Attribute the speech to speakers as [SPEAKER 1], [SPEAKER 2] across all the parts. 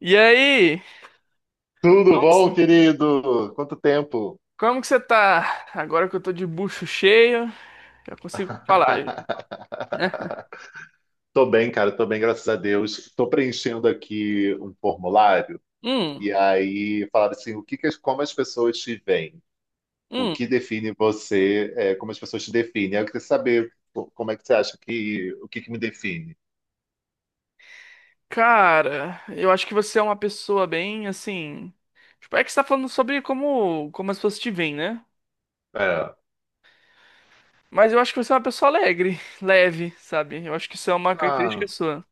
[SPEAKER 1] E aí?
[SPEAKER 2] Tudo
[SPEAKER 1] Como que você
[SPEAKER 2] bom, querido? Quanto tempo?
[SPEAKER 1] como que você tá? Agora que eu tô de bucho cheio, já consigo falar. Né?
[SPEAKER 2] Tô bem, cara, tô bem, graças a Deus. Tô preenchendo aqui um formulário
[SPEAKER 1] Hum,
[SPEAKER 2] e aí falaram assim, o que que como as pessoas te veem? O que
[SPEAKER 1] hum.
[SPEAKER 2] define você, como as pessoas te definem? Aí eu queria saber pô, como é que você acha que, o que que me define?
[SPEAKER 1] Cara, eu acho que você é uma pessoa bem assim. Tipo, é que você tá falando sobre como as pessoas te veem, né?
[SPEAKER 2] É.
[SPEAKER 1] Mas eu acho que você é uma pessoa alegre, leve, sabe? Eu acho que isso é uma característica
[SPEAKER 2] Ah,
[SPEAKER 1] sua.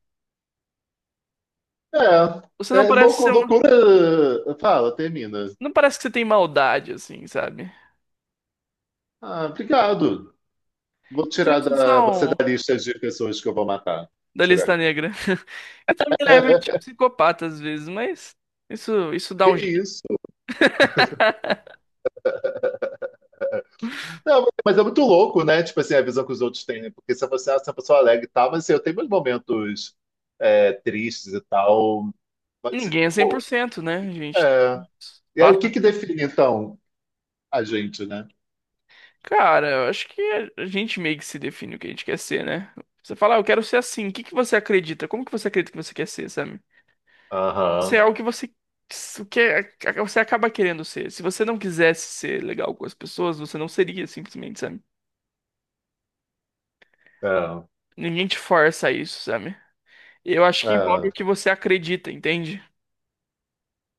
[SPEAKER 1] Você não
[SPEAKER 2] é, é
[SPEAKER 1] parece
[SPEAKER 2] louco-
[SPEAKER 1] ser uma.
[SPEAKER 2] loucura. Fala, termina.
[SPEAKER 1] Não parece que você tem maldade, assim, sabe?
[SPEAKER 2] Ah, obrigado. Vou tirar
[SPEAKER 1] Vocês
[SPEAKER 2] você
[SPEAKER 1] são
[SPEAKER 2] da lista de pessoas que eu vou matar.
[SPEAKER 1] da
[SPEAKER 2] Tirar
[SPEAKER 1] lista
[SPEAKER 2] aqui.
[SPEAKER 1] negra. E também levemente psicopata às vezes, mas isso dá
[SPEAKER 2] Que
[SPEAKER 1] um.
[SPEAKER 2] isso? Não, mas é muito louco, né? Tipo assim, a visão que os outros têm, né? Porque se você é uma pessoa alegre e tal, mas assim, eu tenho meus momentos tristes e tal. Mas, assim,
[SPEAKER 1] Ninguém é cem por cento, né? A gente
[SPEAKER 2] é. E aí, o que
[SPEAKER 1] passa.
[SPEAKER 2] que define, então, a gente, né?
[SPEAKER 1] Cara, eu acho que a gente meio que se define o que a gente quer ser, né? Você fala, ah, eu quero ser assim. O que que você acredita? Como que você acredita que você quer ser, sabe? Se
[SPEAKER 2] Aham,
[SPEAKER 1] é o que você acaba querendo ser. Se você não quisesse ser legal com as pessoas, você não seria, simplesmente, sabe?
[SPEAKER 2] é,
[SPEAKER 1] Ninguém te força a isso, sabe? Eu acho que envolve o
[SPEAKER 2] é,
[SPEAKER 1] que você acredita, entende?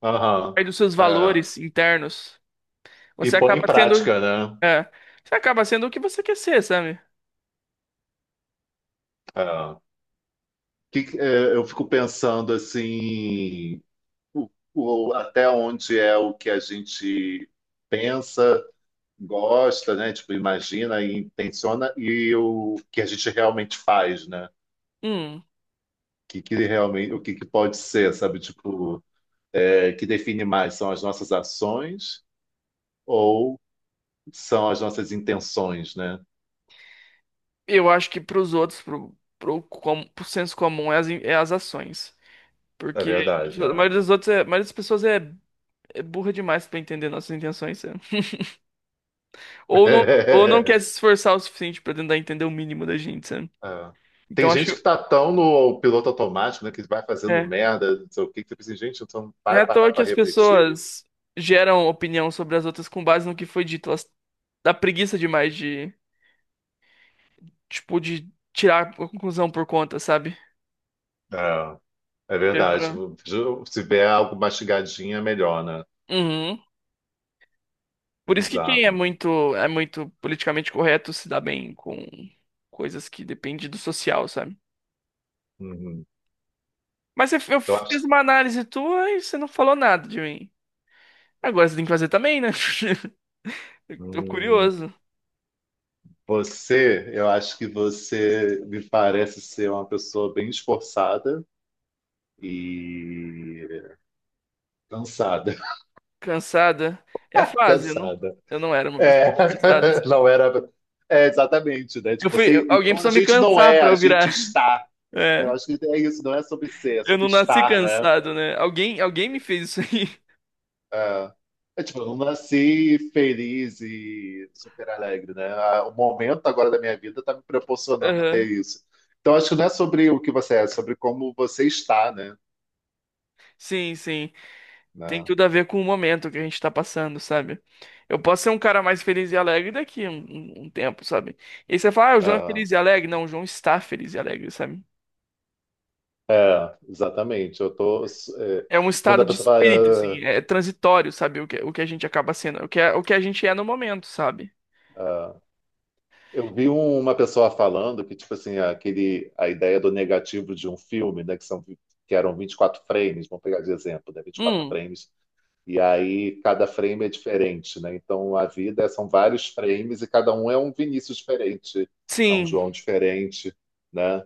[SPEAKER 2] aham,
[SPEAKER 1] Aí dos seus
[SPEAKER 2] é.
[SPEAKER 1] valores internos,
[SPEAKER 2] E
[SPEAKER 1] você
[SPEAKER 2] põe em
[SPEAKER 1] acaba sendo,
[SPEAKER 2] prática, né?
[SPEAKER 1] é, você acaba sendo o que você quer ser, sabe?
[SPEAKER 2] É. Eu fico pensando, assim, o- até onde é o que a gente pensa, gosta, né? Tipo, imagina e intenciona e o que a gente realmente faz, né? O
[SPEAKER 1] Hum.
[SPEAKER 2] que, que realmente, o que, que pode ser, sabe? Tipo, que define mais são as nossas ações ou são as nossas intenções, né?
[SPEAKER 1] Eu acho que para os outros, pro senso comum, é as ações.
[SPEAKER 2] É
[SPEAKER 1] Porque
[SPEAKER 2] verdade, é.
[SPEAKER 1] a maioria das pessoas é burra demais para entender nossas intenções, sabe? Ou não quer se esforçar o suficiente para tentar entender o mínimo da gente, sabe?
[SPEAKER 2] É. Tem
[SPEAKER 1] Então acho
[SPEAKER 2] gente que
[SPEAKER 1] que
[SPEAKER 2] tá tão no piloto automático, né? Que vai fazendo
[SPEAKER 1] é.
[SPEAKER 2] merda, não sei o quê, que você pensa, gente, então
[SPEAKER 1] Não é
[SPEAKER 2] vai
[SPEAKER 1] à toa
[SPEAKER 2] parar
[SPEAKER 1] que
[SPEAKER 2] para
[SPEAKER 1] as
[SPEAKER 2] refletir.
[SPEAKER 1] pessoas geram opinião sobre as outras com base no que foi dito. Elas dá preguiça demais tipo, de tirar a conclusão por conta, sabe?
[SPEAKER 2] É, é
[SPEAKER 1] É
[SPEAKER 2] verdade.
[SPEAKER 1] pra...
[SPEAKER 2] Se tiver algo mastigadinho, é melhor, né?
[SPEAKER 1] Uhum.
[SPEAKER 2] Que
[SPEAKER 1] Por isso que quem é
[SPEAKER 2] bizarro.
[SPEAKER 1] muito é muito politicamente correto se dá bem com coisas que dependem do social, sabe?
[SPEAKER 2] Uhum.
[SPEAKER 1] Mas eu
[SPEAKER 2] Eu
[SPEAKER 1] fiz
[SPEAKER 2] acho,
[SPEAKER 1] uma análise tua e você não falou nada de mim. Agora você tem que fazer também, né? Tô
[SPEAKER 2] hum,
[SPEAKER 1] curioso,
[SPEAKER 2] eu acho que você me parece ser uma pessoa bem esforçada e cansada,
[SPEAKER 1] cansada. É a fase, eu não,
[SPEAKER 2] cansada.
[SPEAKER 1] eu não era uma pessoa
[SPEAKER 2] É,
[SPEAKER 1] cansada assim.
[SPEAKER 2] não era, é exatamente, né? Tipo,
[SPEAKER 1] Alguém
[SPEAKER 2] então a
[SPEAKER 1] precisou me
[SPEAKER 2] gente não
[SPEAKER 1] cansar
[SPEAKER 2] é,
[SPEAKER 1] pra
[SPEAKER 2] a
[SPEAKER 1] eu
[SPEAKER 2] gente
[SPEAKER 1] virar.
[SPEAKER 2] está. Eu
[SPEAKER 1] É,
[SPEAKER 2] acho que é isso, não é sobre ser, é
[SPEAKER 1] eu
[SPEAKER 2] sobre
[SPEAKER 1] não nasci
[SPEAKER 2] estar, né?
[SPEAKER 1] cansado, né? Alguém me fez isso aí.
[SPEAKER 2] É, é, tipo, eu não nasci feliz e super alegre, né? Ah, o momento agora da minha vida tá me proporcionando
[SPEAKER 1] Aham.
[SPEAKER 2] ter isso. Então, acho que não é sobre o que você é, é sobre como você está, né?
[SPEAKER 1] Sim, sim. Tem
[SPEAKER 2] Né?
[SPEAKER 1] tudo a ver com o momento que a gente tá passando, sabe? Eu posso ser um cara mais feliz e alegre daqui um tempo, sabe? E aí você fala, ah, o João é
[SPEAKER 2] Ah,
[SPEAKER 1] feliz e alegre. Não, o João está feliz e alegre, sabe?
[SPEAKER 2] é, exatamente. Eu tô.
[SPEAKER 1] É um
[SPEAKER 2] Quando
[SPEAKER 1] estado
[SPEAKER 2] a
[SPEAKER 1] de
[SPEAKER 2] pessoa
[SPEAKER 1] espírito,
[SPEAKER 2] fala,
[SPEAKER 1] assim, é transitório, sabe? O que a gente acaba sendo, o que a gente é no momento, sabe?
[SPEAKER 2] ah, eu vi uma pessoa falando que, tipo assim, a ideia do negativo de um filme, né? Que eram 24 frames, vamos pegar de exemplo, né? Vinte e quatro
[SPEAKER 1] Hum,
[SPEAKER 2] frames. E aí cada frame é diferente, né? Então a vida é, são vários frames e cada um é um Vinícius diferente, é um
[SPEAKER 1] sim,
[SPEAKER 2] João diferente, né?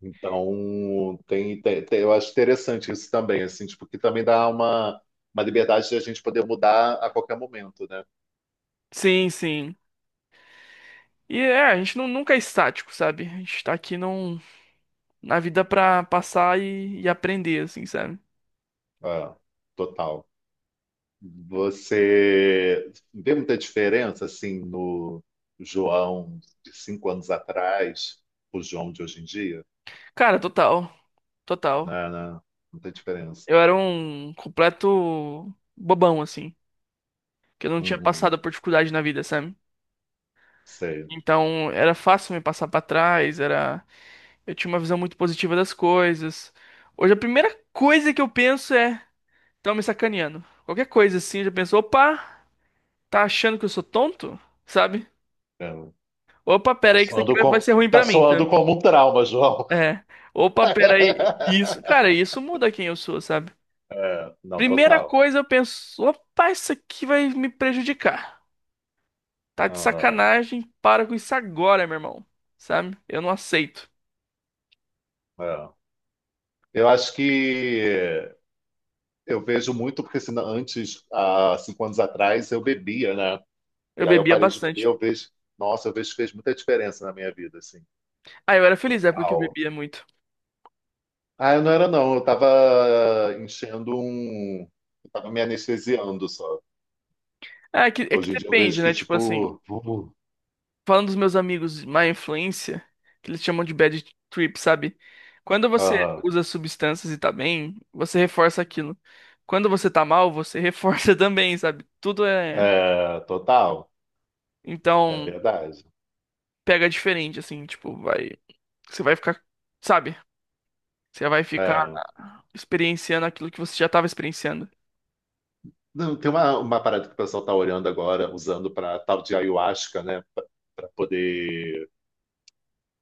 [SPEAKER 2] Então eu acho interessante isso também, assim, tipo, que também dá uma, liberdade de a gente poder mudar a qualquer momento, né?
[SPEAKER 1] sim, sim. E é, a gente nunca é estático, sabe? A gente tá aqui na vida pra passar e aprender, assim, sabe?
[SPEAKER 2] Ah, total. Você vê muita diferença assim no João de 5 anos atrás, o João de hoje em dia?
[SPEAKER 1] Cara, total, total.
[SPEAKER 2] Não, não, muita diferença.
[SPEAKER 1] Eu era um completo bobão, assim, que eu não tinha
[SPEAKER 2] Uhum.
[SPEAKER 1] passado por dificuldade na vida, sabe?
[SPEAKER 2] Sei.
[SPEAKER 1] Então, era fácil me passar pra trás, Eu tinha uma visão muito positiva das coisas. Hoje, a primeira coisa que eu penso é, estão me sacaneando. Qualquer coisa, assim, eu já penso, opa, tá achando que eu sou tonto? Sabe?
[SPEAKER 2] É.
[SPEAKER 1] Opa, pera
[SPEAKER 2] Tá
[SPEAKER 1] aí que isso aqui
[SPEAKER 2] soando
[SPEAKER 1] vai
[SPEAKER 2] com...
[SPEAKER 1] ser ruim
[SPEAKER 2] tá
[SPEAKER 1] pra mim, tá?
[SPEAKER 2] soando como um trauma, João.
[SPEAKER 1] É. Opa, pera aí. Isso, cara, isso muda quem eu sou, sabe?
[SPEAKER 2] É, não,
[SPEAKER 1] Primeira
[SPEAKER 2] total.
[SPEAKER 1] coisa, eu penso, opa, isso aqui vai me prejudicar. Tá de
[SPEAKER 2] Aham,
[SPEAKER 1] sacanagem, para com isso agora, meu irmão. Sabe? Eu não aceito.
[SPEAKER 2] é. Eu acho que eu vejo muito, porque senão, antes, há 5 anos atrás, eu bebia, né?
[SPEAKER 1] Eu
[SPEAKER 2] E aí eu
[SPEAKER 1] bebia
[SPEAKER 2] parei de beber,
[SPEAKER 1] bastante.
[SPEAKER 2] eu vejo. Nossa, eu vejo que fez muita diferença na minha vida, assim.
[SPEAKER 1] Ah, eu era feliz na época que eu
[SPEAKER 2] Uau.
[SPEAKER 1] bebia muito.
[SPEAKER 2] Ah, eu não era, não. Eu tava enchendo um. Eu tava me anestesiando só.
[SPEAKER 1] Ah, é que
[SPEAKER 2] Hoje em dia eu vejo
[SPEAKER 1] depende,
[SPEAKER 2] que,
[SPEAKER 1] né? Tipo assim,
[SPEAKER 2] tipo.
[SPEAKER 1] falando dos meus amigos má influência, que eles chamam de bad trip, sabe? Quando você
[SPEAKER 2] Aham.
[SPEAKER 1] usa substâncias e tá bem, você reforça aquilo. Quando você tá mal, você reforça também, sabe? Tudo é.
[SPEAKER 2] É, total. É
[SPEAKER 1] Então,
[SPEAKER 2] verdade.
[SPEAKER 1] pega diferente, assim, tipo, vai. Você vai ficar. Sabe? Você vai ficar
[SPEAKER 2] É.
[SPEAKER 1] experienciando aquilo que você já tava experienciando.
[SPEAKER 2] Não, tem uma parada que o pessoal está olhando agora, usando para tal de ayahuasca, né? Para poder,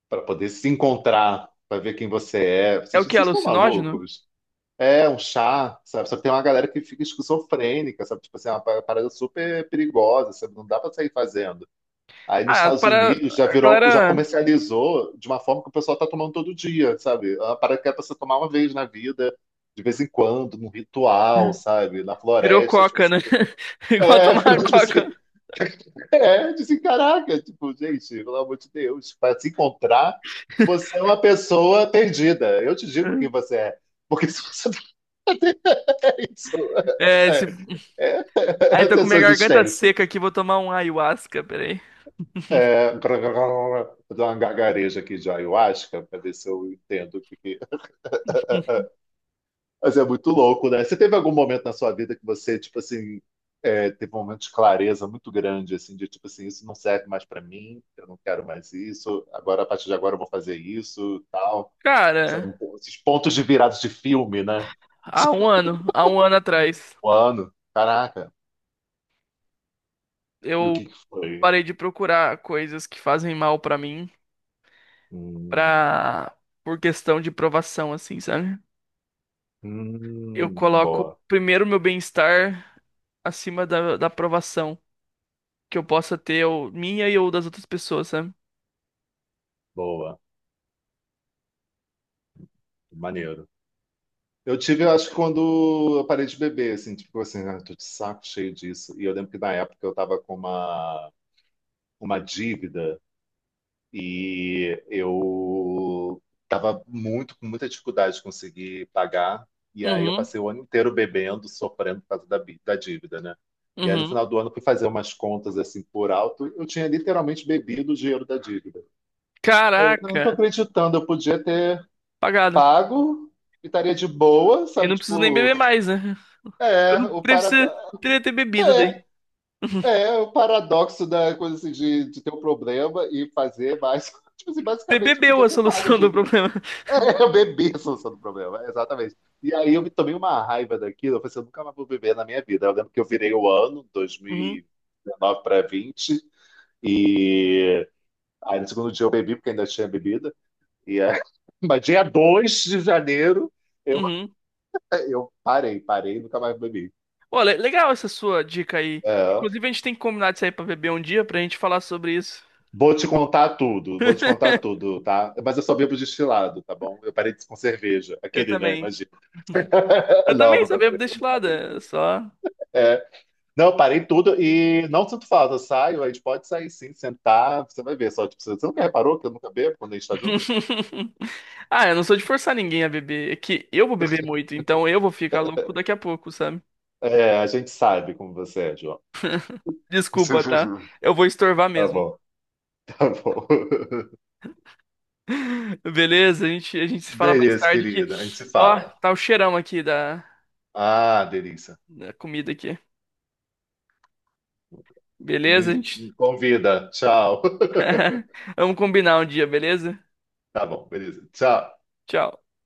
[SPEAKER 2] para poder se encontrar, para ver quem você é.
[SPEAKER 1] É
[SPEAKER 2] Vocês,
[SPEAKER 1] o que?
[SPEAKER 2] vocês estão
[SPEAKER 1] Alucinógeno?
[SPEAKER 2] malucos? É um chá, sabe? Só que tem uma galera que fica esquizofrênica, sabe? Tipo assim, é uma parada super perigosa, sabe? Não dá para sair fazendo. Aí nos
[SPEAKER 1] Ah,
[SPEAKER 2] Estados
[SPEAKER 1] para.
[SPEAKER 2] Unidos já
[SPEAKER 1] A
[SPEAKER 2] virou, já
[SPEAKER 1] galera
[SPEAKER 2] comercializou de uma forma que o pessoal tá tomando todo dia, sabe? É uma parada que é pra você tomar uma vez na vida, de vez em quando, num ritual, sabe? Na
[SPEAKER 1] virou
[SPEAKER 2] floresta, tipo
[SPEAKER 1] coca,
[SPEAKER 2] assim,
[SPEAKER 1] né? Igual tomar
[SPEAKER 2] virou tipo
[SPEAKER 1] coca.
[SPEAKER 2] assim, disse, caraca, tipo, gente, pelo amor de Deus, para se encontrar, você é uma pessoa perdida. Eu te digo quem você é, porque se você não é isso,
[SPEAKER 1] É,
[SPEAKER 2] é,
[SPEAKER 1] se... Ai, tô
[SPEAKER 2] essa é
[SPEAKER 1] com
[SPEAKER 2] a
[SPEAKER 1] minha
[SPEAKER 2] sua
[SPEAKER 1] garganta
[SPEAKER 2] existência.
[SPEAKER 1] seca aqui, vou tomar um ayahuasca, peraí.
[SPEAKER 2] Vou dar uma gargareja aqui de ayahuasca para ver se eu entendo o que que Mas é muito louco, né? Você teve algum momento na sua vida que você, tipo assim, teve um momento de clareza muito grande, assim, de tipo assim, isso não serve mais pra mim, eu não quero mais isso, agora, a partir de agora eu vou fazer isso, tal. Sabe,
[SPEAKER 1] Cara,
[SPEAKER 2] um pouco esses pontos de virados de filme, né?
[SPEAKER 1] há um ano atrás,
[SPEAKER 2] O ano, caraca, e o
[SPEAKER 1] eu
[SPEAKER 2] que que foi?
[SPEAKER 1] parei de procurar coisas que fazem mal pra mim,
[SPEAKER 2] Hum,
[SPEAKER 1] pra... por questão de provação, assim, sabe? Eu coloco
[SPEAKER 2] boa,
[SPEAKER 1] primeiro meu bem-estar acima da aprovação que eu possa ter, ou minha e ou das outras pessoas, sabe?
[SPEAKER 2] boa, maneiro. Eu tive, eu acho, quando eu parei de beber, assim, tipo assim, ah, tô de saco cheio disso. E eu lembro que na época eu tava com uma dívida. E eu tava com muita dificuldade de conseguir pagar. E aí eu
[SPEAKER 1] Uhum,
[SPEAKER 2] passei o ano inteiro bebendo, sofrendo por causa da dívida, né? E aí no
[SPEAKER 1] uhum.
[SPEAKER 2] final do ano eu fui fazer umas contas assim por alto, eu tinha literalmente bebido o dinheiro da dívida. Eu não
[SPEAKER 1] Caraca,
[SPEAKER 2] tô acreditando, eu podia ter
[SPEAKER 1] pagado.
[SPEAKER 2] pago e estaria de boa,
[SPEAKER 1] Eu
[SPEAKER 2] sabe?
[SPEAKER 1] não preciso nem
[SPEAKER 2] Tipo,
[SPEAKER 1] beber mais, né? Eu
[SPEAKER 2] é,
[SPEAKER 1] não
[SPEAKER 2] o parada
[SPEAKER 1] preciso ter bebido daí.
[SPEAKER 2] é o paradoxo da coisa assim, de ter um problema e fazer mais. Tipo assim,
[SPEAKER 1] Você
[SPEAKER 2] basicamente eu
[SPEAKER 1] bebeu
[SPEAKER 2] podia
[SPEAKER 1] a
[SPEAKER 2] ter pago a
[SPEAKER 1] solução do
[SPEAKER 2] dívida.
[SPEAKER 1] problema.
[SPEAKER 2] Eu bebi a solução do problema, é, exatamente. E aí eu me tomei uma raiva daquilo, eu falei assim, eu nunca mais vou beber na minha vida. Eu lembro que eu virei o ano,
[SPEAKER 1] Uhum,
[SPEAKER 2] 2019 para 20, e aí no segundo dia eu bebi, porque ainda tinha bebida, e aí... mas dia 2 de janeiro eu,
[SPEAKER 1] uhum.
[SPEAKER 2] eu parei, parei, nunca mais bebi.
[SPEAKER 1] Olha, legal essa sua dica aí.
[SPEAKER 2] É.
[SPEAKER 1] Inclusive, a gente tem que combinar de sair pra beber um dia pra gente falar sobre isso.
[SPEAKER 2] Vou te contar tudo, vou te contar tudo, tá? Mas eu só bebo destilado, tá bom? Eu parei de- com cerveja.
[SPEAKER 1] Eu
[SPEAKER 2] Aquele, né?
[SPEAKER 1] também.
[SPEAKER 2] Imagina.
[SPEAKER 1] Eu
[SPEAKER 2] Não,
[SPEAKER 1] também
[SPEAKER 2] não
[SPEAKER 1] só bebo
[SPEAKER 2] bebo. Não,
[SPEAKER 1] destilada, é
[SPEAKER 2] bebo.
[SPEAKER 1] só.
[SPEAKER 2] É, não, eu parei tudo e não sinto falta. Eu saio, a gente pode sair sim, sentar. Você vai ver só. Tipo, você nunca reparou que eu nunca bebo quando a gente tá junto?
[SPEAKER 1] Ah, eu não sou de forçar ninguém a beber. É que eu vou beber muito, então eu vou ficar louco daqui a pouco, sabe?
[SPEAKER 2] É, a gente sabe como você é, João.
[SPEAKER 1] Desculpa, tá? Eu vou estorvar
[SPEAKER 2] Tá
[SPEAKER 1] mesmo.
[SPEAKER 2] bom, tá bom.
[SPEAKER 1] Beleza, a gente se fala mais
[SPEAKER 2] Beleza,
[SPEAKER 1] tarde que,
[SPEAKER 2] querida. A gente se
[SPEAKER 1] ó,
[SPEAKER 2] fala.
[SPEAKER 1] tá o cheirão aqui da,
[SPEAKER 2] Ah, delícia.
[SPEAKER 1] da comida aqui. Beleza, a
[SPEAKER 2] Me,
[SPEAKER 1] gente?
[SPEAKER 2] me convida. Tchau.
[SPEAKER 1] Vamos combinar um dia, beleza?
[SPEAKER 2] Tá bom, beleza. Tchau.
[SPEAKER 1] Tchau.